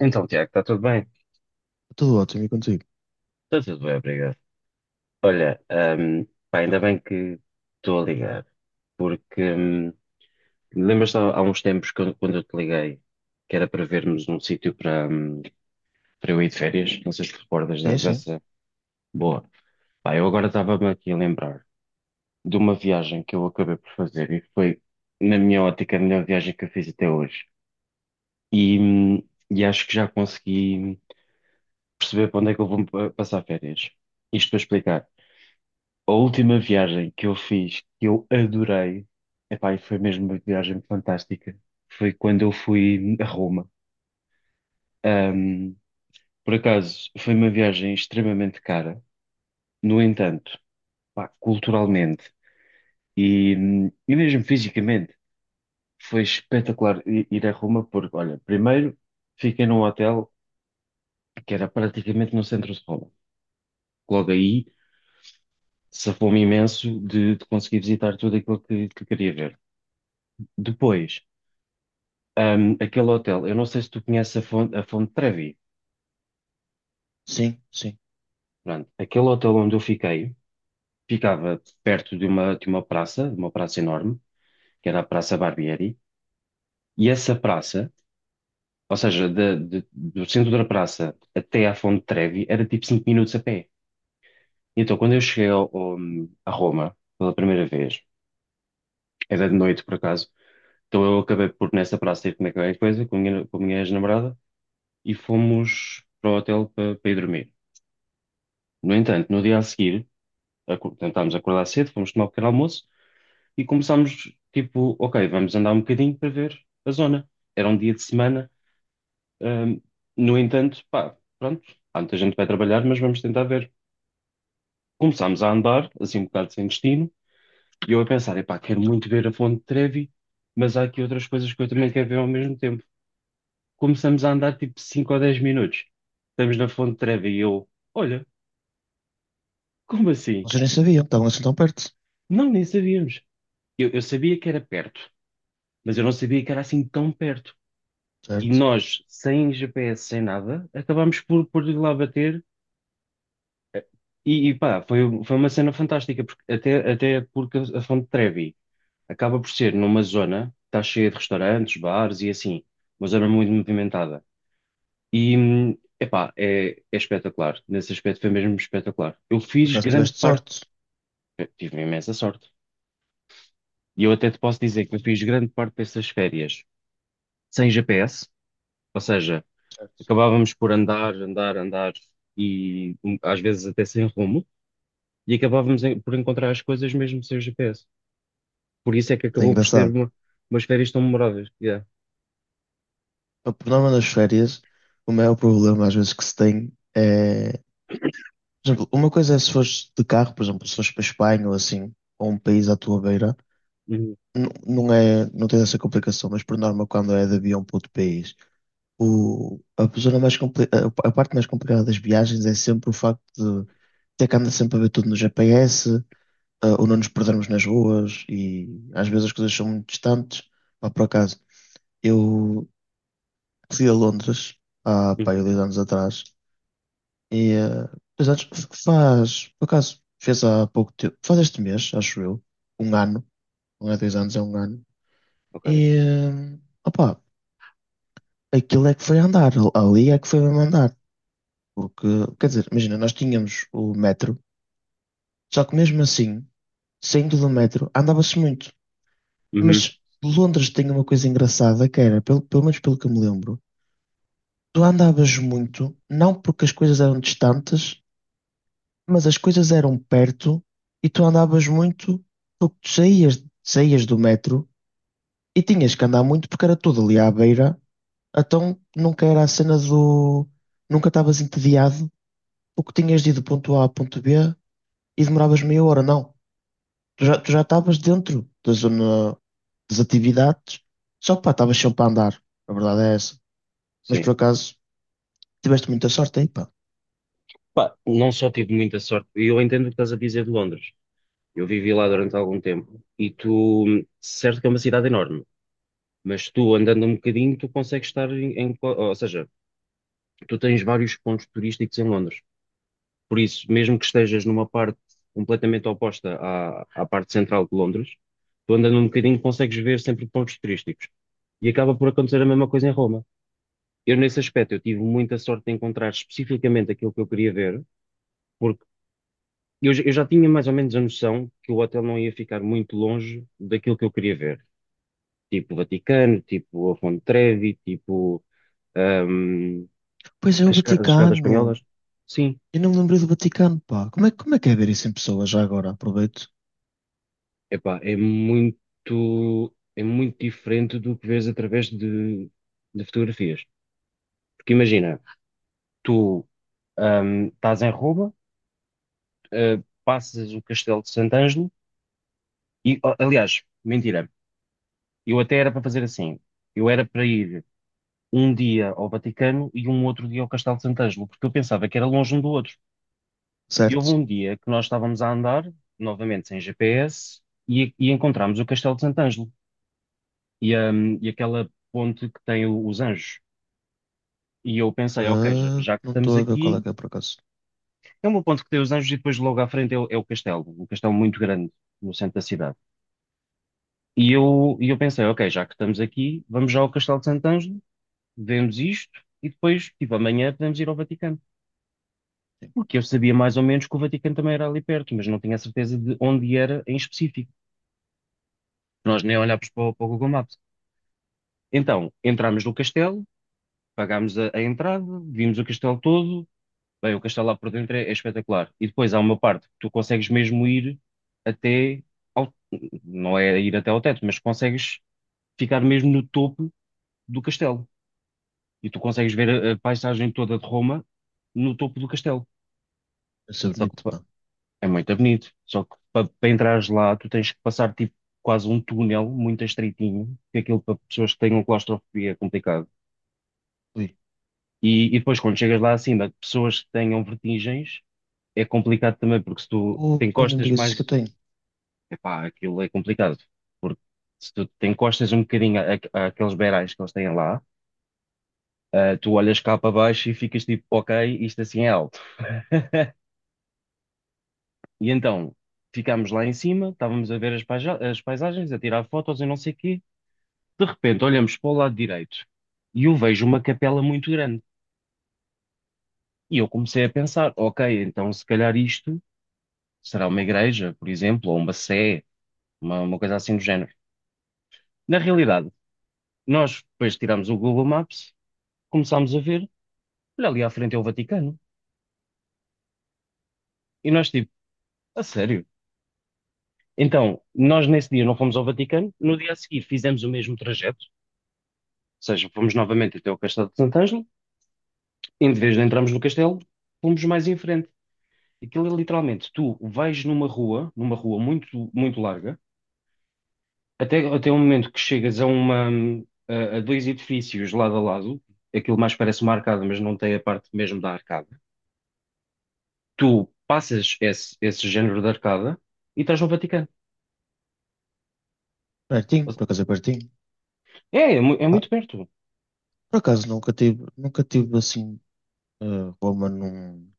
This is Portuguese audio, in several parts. Então, Tiago, está tudo bem? Tudo ótimo e contigo? Está tudo bem, obrigado. Olha, hum, pá, ainda bem que estou a ligar, porque lembras-te há uns tempos quando eu te liguei que era para vermos um sítio para, para eu ir de férias? Não sei se te recordas Sim, sim. dessa. Boa. Pá, eu agora estava-me aqui a lembrar de uma viagem que eu acabei por fazer e foi, na minha ótica, a melhor viagem que eu fiz até hoje. E, hum, e acho que já consegui perceber para onde é que eu vou passar férias. Isto para explicar. A última viagem que eu fiz, que eu adorei, epá, e foi mesmo uma viagem fantástica, foi quando eu fui a Roma. Ahm, por acaso, foi uma viagem extremamente cara. No entanto, pá, culturalmente e mesmo fisicamente, foi espetacular ir a Roma, porque, olha, primeiro fiquei num hotel que era praticamente no centro de Roma. Logo aí, safou-me imenso de, conseguir visitar tudo aquilo que queria ver. Depois, aquele hotel, eu não sei se tu conheces a Fonte Trevi. Sim, sim. Pronto, aquele hotel onde eu fiquei ficava perto de uma, de uma praça enorme, que era a Praça Barbieri, e essa praça, ou seja, do centro da praça até à Fonte Trevi, era tipo 5 minutos a pé. Então, Ok. quando eu cheguei a Roma pela primeira vez, era de noite por acaso, então eu acabei por nessa praça ir comer qualquer coisa com a minha ex-namorada e fomos para o hotel para, ir dormir. No entanto, no dia a seguir, tentámos acordar cedo, fomos tomar o pequeno almoço e começámos, tipo, ok, vamos andar um bocadinho para ver a zona. Era um dia de semana, ahm, no entanto, pá, pronto, há muita gente que vai trabalhar, mas vamos tentar ver. Começámos a andar assim um bocado sem destino, e eu a pensar, epá, quero muito ver a Fonte de Trevi, mas há aqui outras coisas que eu também quero ver ao mesmo tempo. Começamos a andar tipo 5 ou 10 minutos. Estamos na Fonte de Trevi e eu, olha, como assim? Vocês nem sabiam, estavam assim tão perto, Não, nem sabíamos. Eu sabia que era perto, mas eu não sabia que era assim tão perto. E certo? nós, sem GPS, sem nada, acabámos por ir lá bater e pá, foi uma cena fantástica, porque, até porque a Fonte Trevi acaba por ser numa zona que está cheia de restaurantes, bares e assim, uma zona muito movimentada. E, epá, é espetacular. Nesse aspecto foi mesmo espetacular. Eu Por fiz acaso grande tiveste parte, sorte, eu tive imensa sorte, e eu até te posso dizer que eu fiz grande parte dessas férias sem GPS, ou seja, certo? acabávamos por andar, andar, andar e um, às vezes até sem rumo, e acabávamos por encontrar as coisas mesmo sem GPS. Por isso é que É acabou por ser engraçado. Umas férias tão memoráveis. Yeah. O problema nas férias, o maior problema às vezes que se tem é... Por exemplo, uma coisa é se fores de carro, por exemplo, se fores para a Espanha ou assim, ou um país à tua beira, Uhum, não é, não tens essa complicação, mas por norma, quando é de avião para outro país, zona mais a parte mais complicada das viagens é sempre o facto de ter que andar sempre a ver tudo no GPS, ou não nos perdermos nas ruas e às vezes as coisas são muito distantes. Pá, por acaso, eu fui a Londres há, pá, aí uhum, dois anos atrás e dois anos faz, por acaso, fez há pouco tempo, faz este mês, acho eu, um ano, não é dois anos, é um ano. ok. E, opá, aquilo é que foi andar, ali é que foi mesmo andar. Porque, quer dizer, imagina, nós tínhamos o metro, só que mesmo assim, saindo do metro, andava-se muito. Uhum, Mas Londres tinha uma coisa engraçada que era, pelo menos pelo que eu me lembro, tu andavas muito, não porque as coisas eram distantes, mas as coisas eram perto e tu andavas muito porque saías do metro e tinhas que andar muito porque era tudo ali à beira, então nunca era a cena do... Nunca estavas entediado porque tinhas de ir do ponto A ao ponto B e demoravas meia hora, não. Tu já estavas dentro da zona das atividades, só que pá, estavas sempre a andar, a verdade é essa. Mas sim. por acaso tiveste muita sorte aí, pá. Pá, não só tive muita sorte, e eu entendo o que estás a dizer de Londres. Eu vivi lá durante algum tempo, e tu, certo que é uma cidade enorme, mas tu andando um bocadinho, tu consegues estar em ou seja, tu tens vários pontos turísticos em Londres. Por isso, mesmo que estejas numa parte completamente oposta à parte central de Londres, tu andando um bocadinho consegues ver sempre pontos turísticos. E acaba por acontecer a mesma coisa em Roma. Eu, nesse aspecto, eu tive muita sorte de encontrar especificamente aquilo que eu queria ver, porque eu já tinha mais ou menos a noção que o hotel não ia ficar muito longe daquilo que eu queria ver. Tipo o Vaticano, tipo a Fonte Trevi, tipo ahm, Pois é, o as escadas Vaticano. espanholas. Sim, Eu não me lembrei do Vaticano, pá. Como é que é ver isso em pessoa? Já agora, aproveito. epá, é muito diferente do que vês através de, fotografias. Porque imagina, tu estás em Roma, passas o Castelo de Sant'Angelo e, oh, aliás, mentira, eu até era para fazer assim. Eu era para ir um dia ao Vaticano e um outro dia ao Castelo de Sant'Angelo, porque eu pensava que era longe um do outro. E houve Certo. um dia que nós estávamos a andar, novamente sem GPS, e encontramos o Castelo de Sant'Angelo e aquela ponte que tem os anjos. E eu pensei, ok, já, Ah, já que não estamos estou a ver qual é aqui, que é, por acaso. é o meu ponto que tem os Anjos, e depois logo à frente é o castelo, um castelo muito grande no centro da cidade. E eu pensei, ok, já que estamos aqui, vamos já ao Castelo de Sant'Angelo, vemos isto e depois, tipo, amanhã podemos ir ao Vaticano. Sim. Porque eu sabia mais ou menos que o Vaticano também era ali perto, mas não tinha a certeza de onde era em específico. Nós nem olhámos para o, para o Google Maps. Então, entrámos no castelo, pagámos a entrada, vimos o castelo todo. Bem, o castelo lá por dentro é espetacular. E depois há uma parte que tu consegues mesmo ir até ao, não é ir até ao teto, mas consegues ficar mesmo no topo do castelo. E tu consegues ver a paisagem toda de Roma no topo do castelo. Deve ser Só que bonito, pá, pá. é muito bonito. Só que para entrares lá, tu tens que passar tipo quase um túnel muito estreitinho, que é aquilo para pessoas que tenham claustrofobia é complicado. Ui. E depois quando chegas lá acima, pessoas que tenham vertigens, é complicado também, porque se tu Oh, te não me encostas digas isso, que eu mais, tenho. epá, aquilo é complicado, porque se tu te encostas um bocadinho àqueles beirais que eles têm lá, tu olhas cá para baixo e ficas tipo, ok, isto assim é alto. E então, ficámos lá em cima, estávamos a ver as paisagens, a tirar fotos e não sei o quê. De repente, olhamos para o lado direito e eu vejo uma capela muito grande. E eu comecei a pensar, ok, então se calhar isto será uma igreja, por exemplo, ou uma sé, uma coisa assim do género. Na realidade, nós depois tiramos o Google Maps, começámos a ver, olha, ali à frente é o Vaticano. E nós, tipo, a sério? Então, nós nesse dia não fomos ao Vaticano, no dia a seguir fizemos o mesmo trajeto, ou seja, fomos novamente até o Castelo de Sant'Angelo, e em vez de entrarmos no castelo, fomos mais em frente. Aquilo é literalmente, tu vais numa rua muito, muito larga, até o momento que chegas a dois edifícios lado a lado. Aquilo mais parece uma arcada, mas não tem a parte mesmo da arcada. Tu passas esse, género de arcada, e estás no Vaticano. Pertinho, por acaso é pertinho. É Pá, muito perto. por acaso nunca tive assim, eh, Roma num...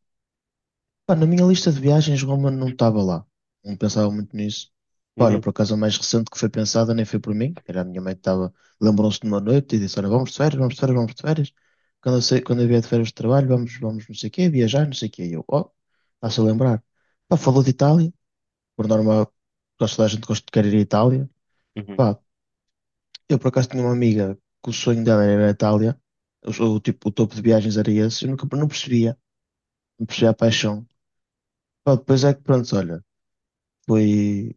Pá, na minha lista de viagens, Roma não estava lá. Não pensava muito nisso. Pá, olha, Uhum, por acaso a mais recente que foi pensada nem foi por mim. Era a minha mãe que estava. Lembrou-se de uma noite e disse: Olha, vamos de férias, vamos de férias, vamos de férias. Quando eu, sei, quando eu vier de férias de trabalho, vamos, vamos não sei o quê, viajar, não sei o quê. E eu, oh, está-se a lembrar. Pá, falou de Itália. Por norma, quase toda a gente gosta de querer ir à Itália. uhum, Pá, eu por acaso tinha uma amiga que o sonho dela era a Itália, o tipo, o topo de viagens era esse, eu nunca não percebia, não percebia a paixão. Pá, depois é que pronto, olha, fui,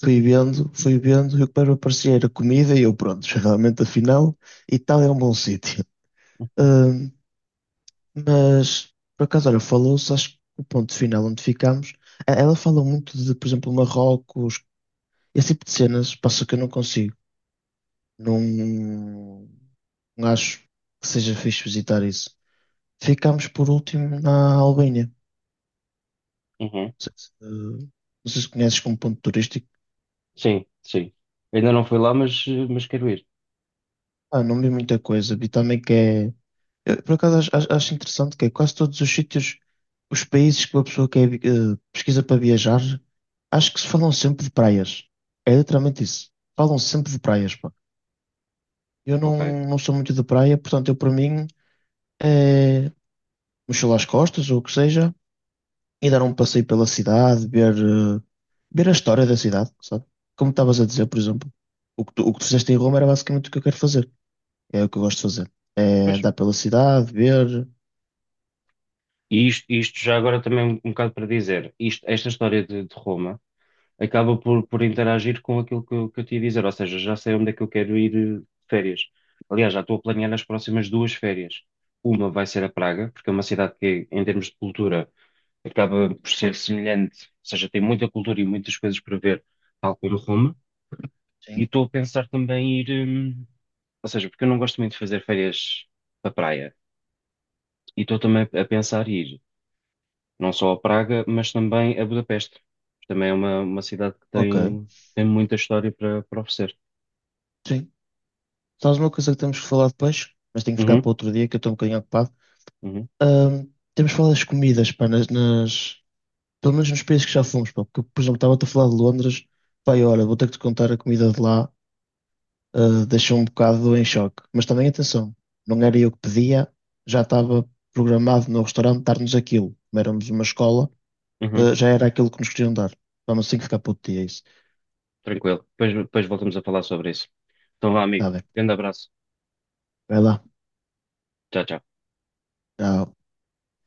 fui vendo, e o que mais me aparecia era comida e eu pronto, realmente afinal, Itália é um bom sítio. Ahm, mas por acaso, olha, falou-se, acho que o ponto final onde ficámos, ela fala muito de, por exemplo, Marrocos, esse tipo de cenas, passa que eu não consigo. Não, não acho que seja fixe visitar isso. Ficámos por último na Albânia. Não uhum. sei se, não sei se conheces como ponto turístico. Sim, sim. Ainda não fui lá, mas quero ir. Ah, não vi muita coisa. Vi também que é... Eu, por acaso acho interessante que é quase todos os sítios, os países que uma pessoa quer, pesquisa para viajar, acho que se falam sempre de praias. É literalmente isso. Falam sempre de praias, pá. Eu Ok. não, não sou muito de praia, portanto, eu para mim é mochila às costas ou o que seja. E dar um passeio pela cidade, ver, ver a história da cidade, sabe? Como estavas a dizer, por exemplo, o que tu fizeste em Roma era basicamente o que eu quero fazer. É o que eu gosto de fazer. É Pois. andar pela cidade, ver. E isto já agora também um bocado para dizer, esta história de Roma acaba por interagir com aquilo que eu te ia dizer, ou seja, já sei onde é que eu quero ir de férias. Aliás, já estou a planear as próximas duas férias. Uma vai ser a Praga, porque é uma cidade que, em termos de cultura, acaba por ser semelhante, ou seja, tem muita cultura e muitas coisas para ver, tal como Roma. E Sim. estou a pensar também em ir, ou seja, porque eu não gosto muito de fazer férias para praia. E estou também a pensar em ir não só a Praga, mas também a Budapeste. Também é uma cidade que Ok, tem muita história para oferecer. sim. Sabes uma coisa que temos que falar depois, mas tenho que ficar Uhum, para outro dia, que eu estou um bocadinho ocupado. uhum, Ahm, temos que falar das comidas, pá, pelo menos nos países que já fomos, pá, porque, por exemplo, estava-te a falar de Londres, pá, e olha, vou ter que te contar a comida de lá, deixou um bocado em choque. Mas também atenção, não era eu que pedia, já estava programado no restaurante dar-nos aquilo. Como éramos uma escola, uhum. Já era aquilo que nos queriam dar. Vamos assim que ficar puto dia isso. Tranquilo. Depois voltamos a falar sobre isso. Então vá, amigo. Está bem, Grande abraço. vai lá. Tchau, tchau. Tchau.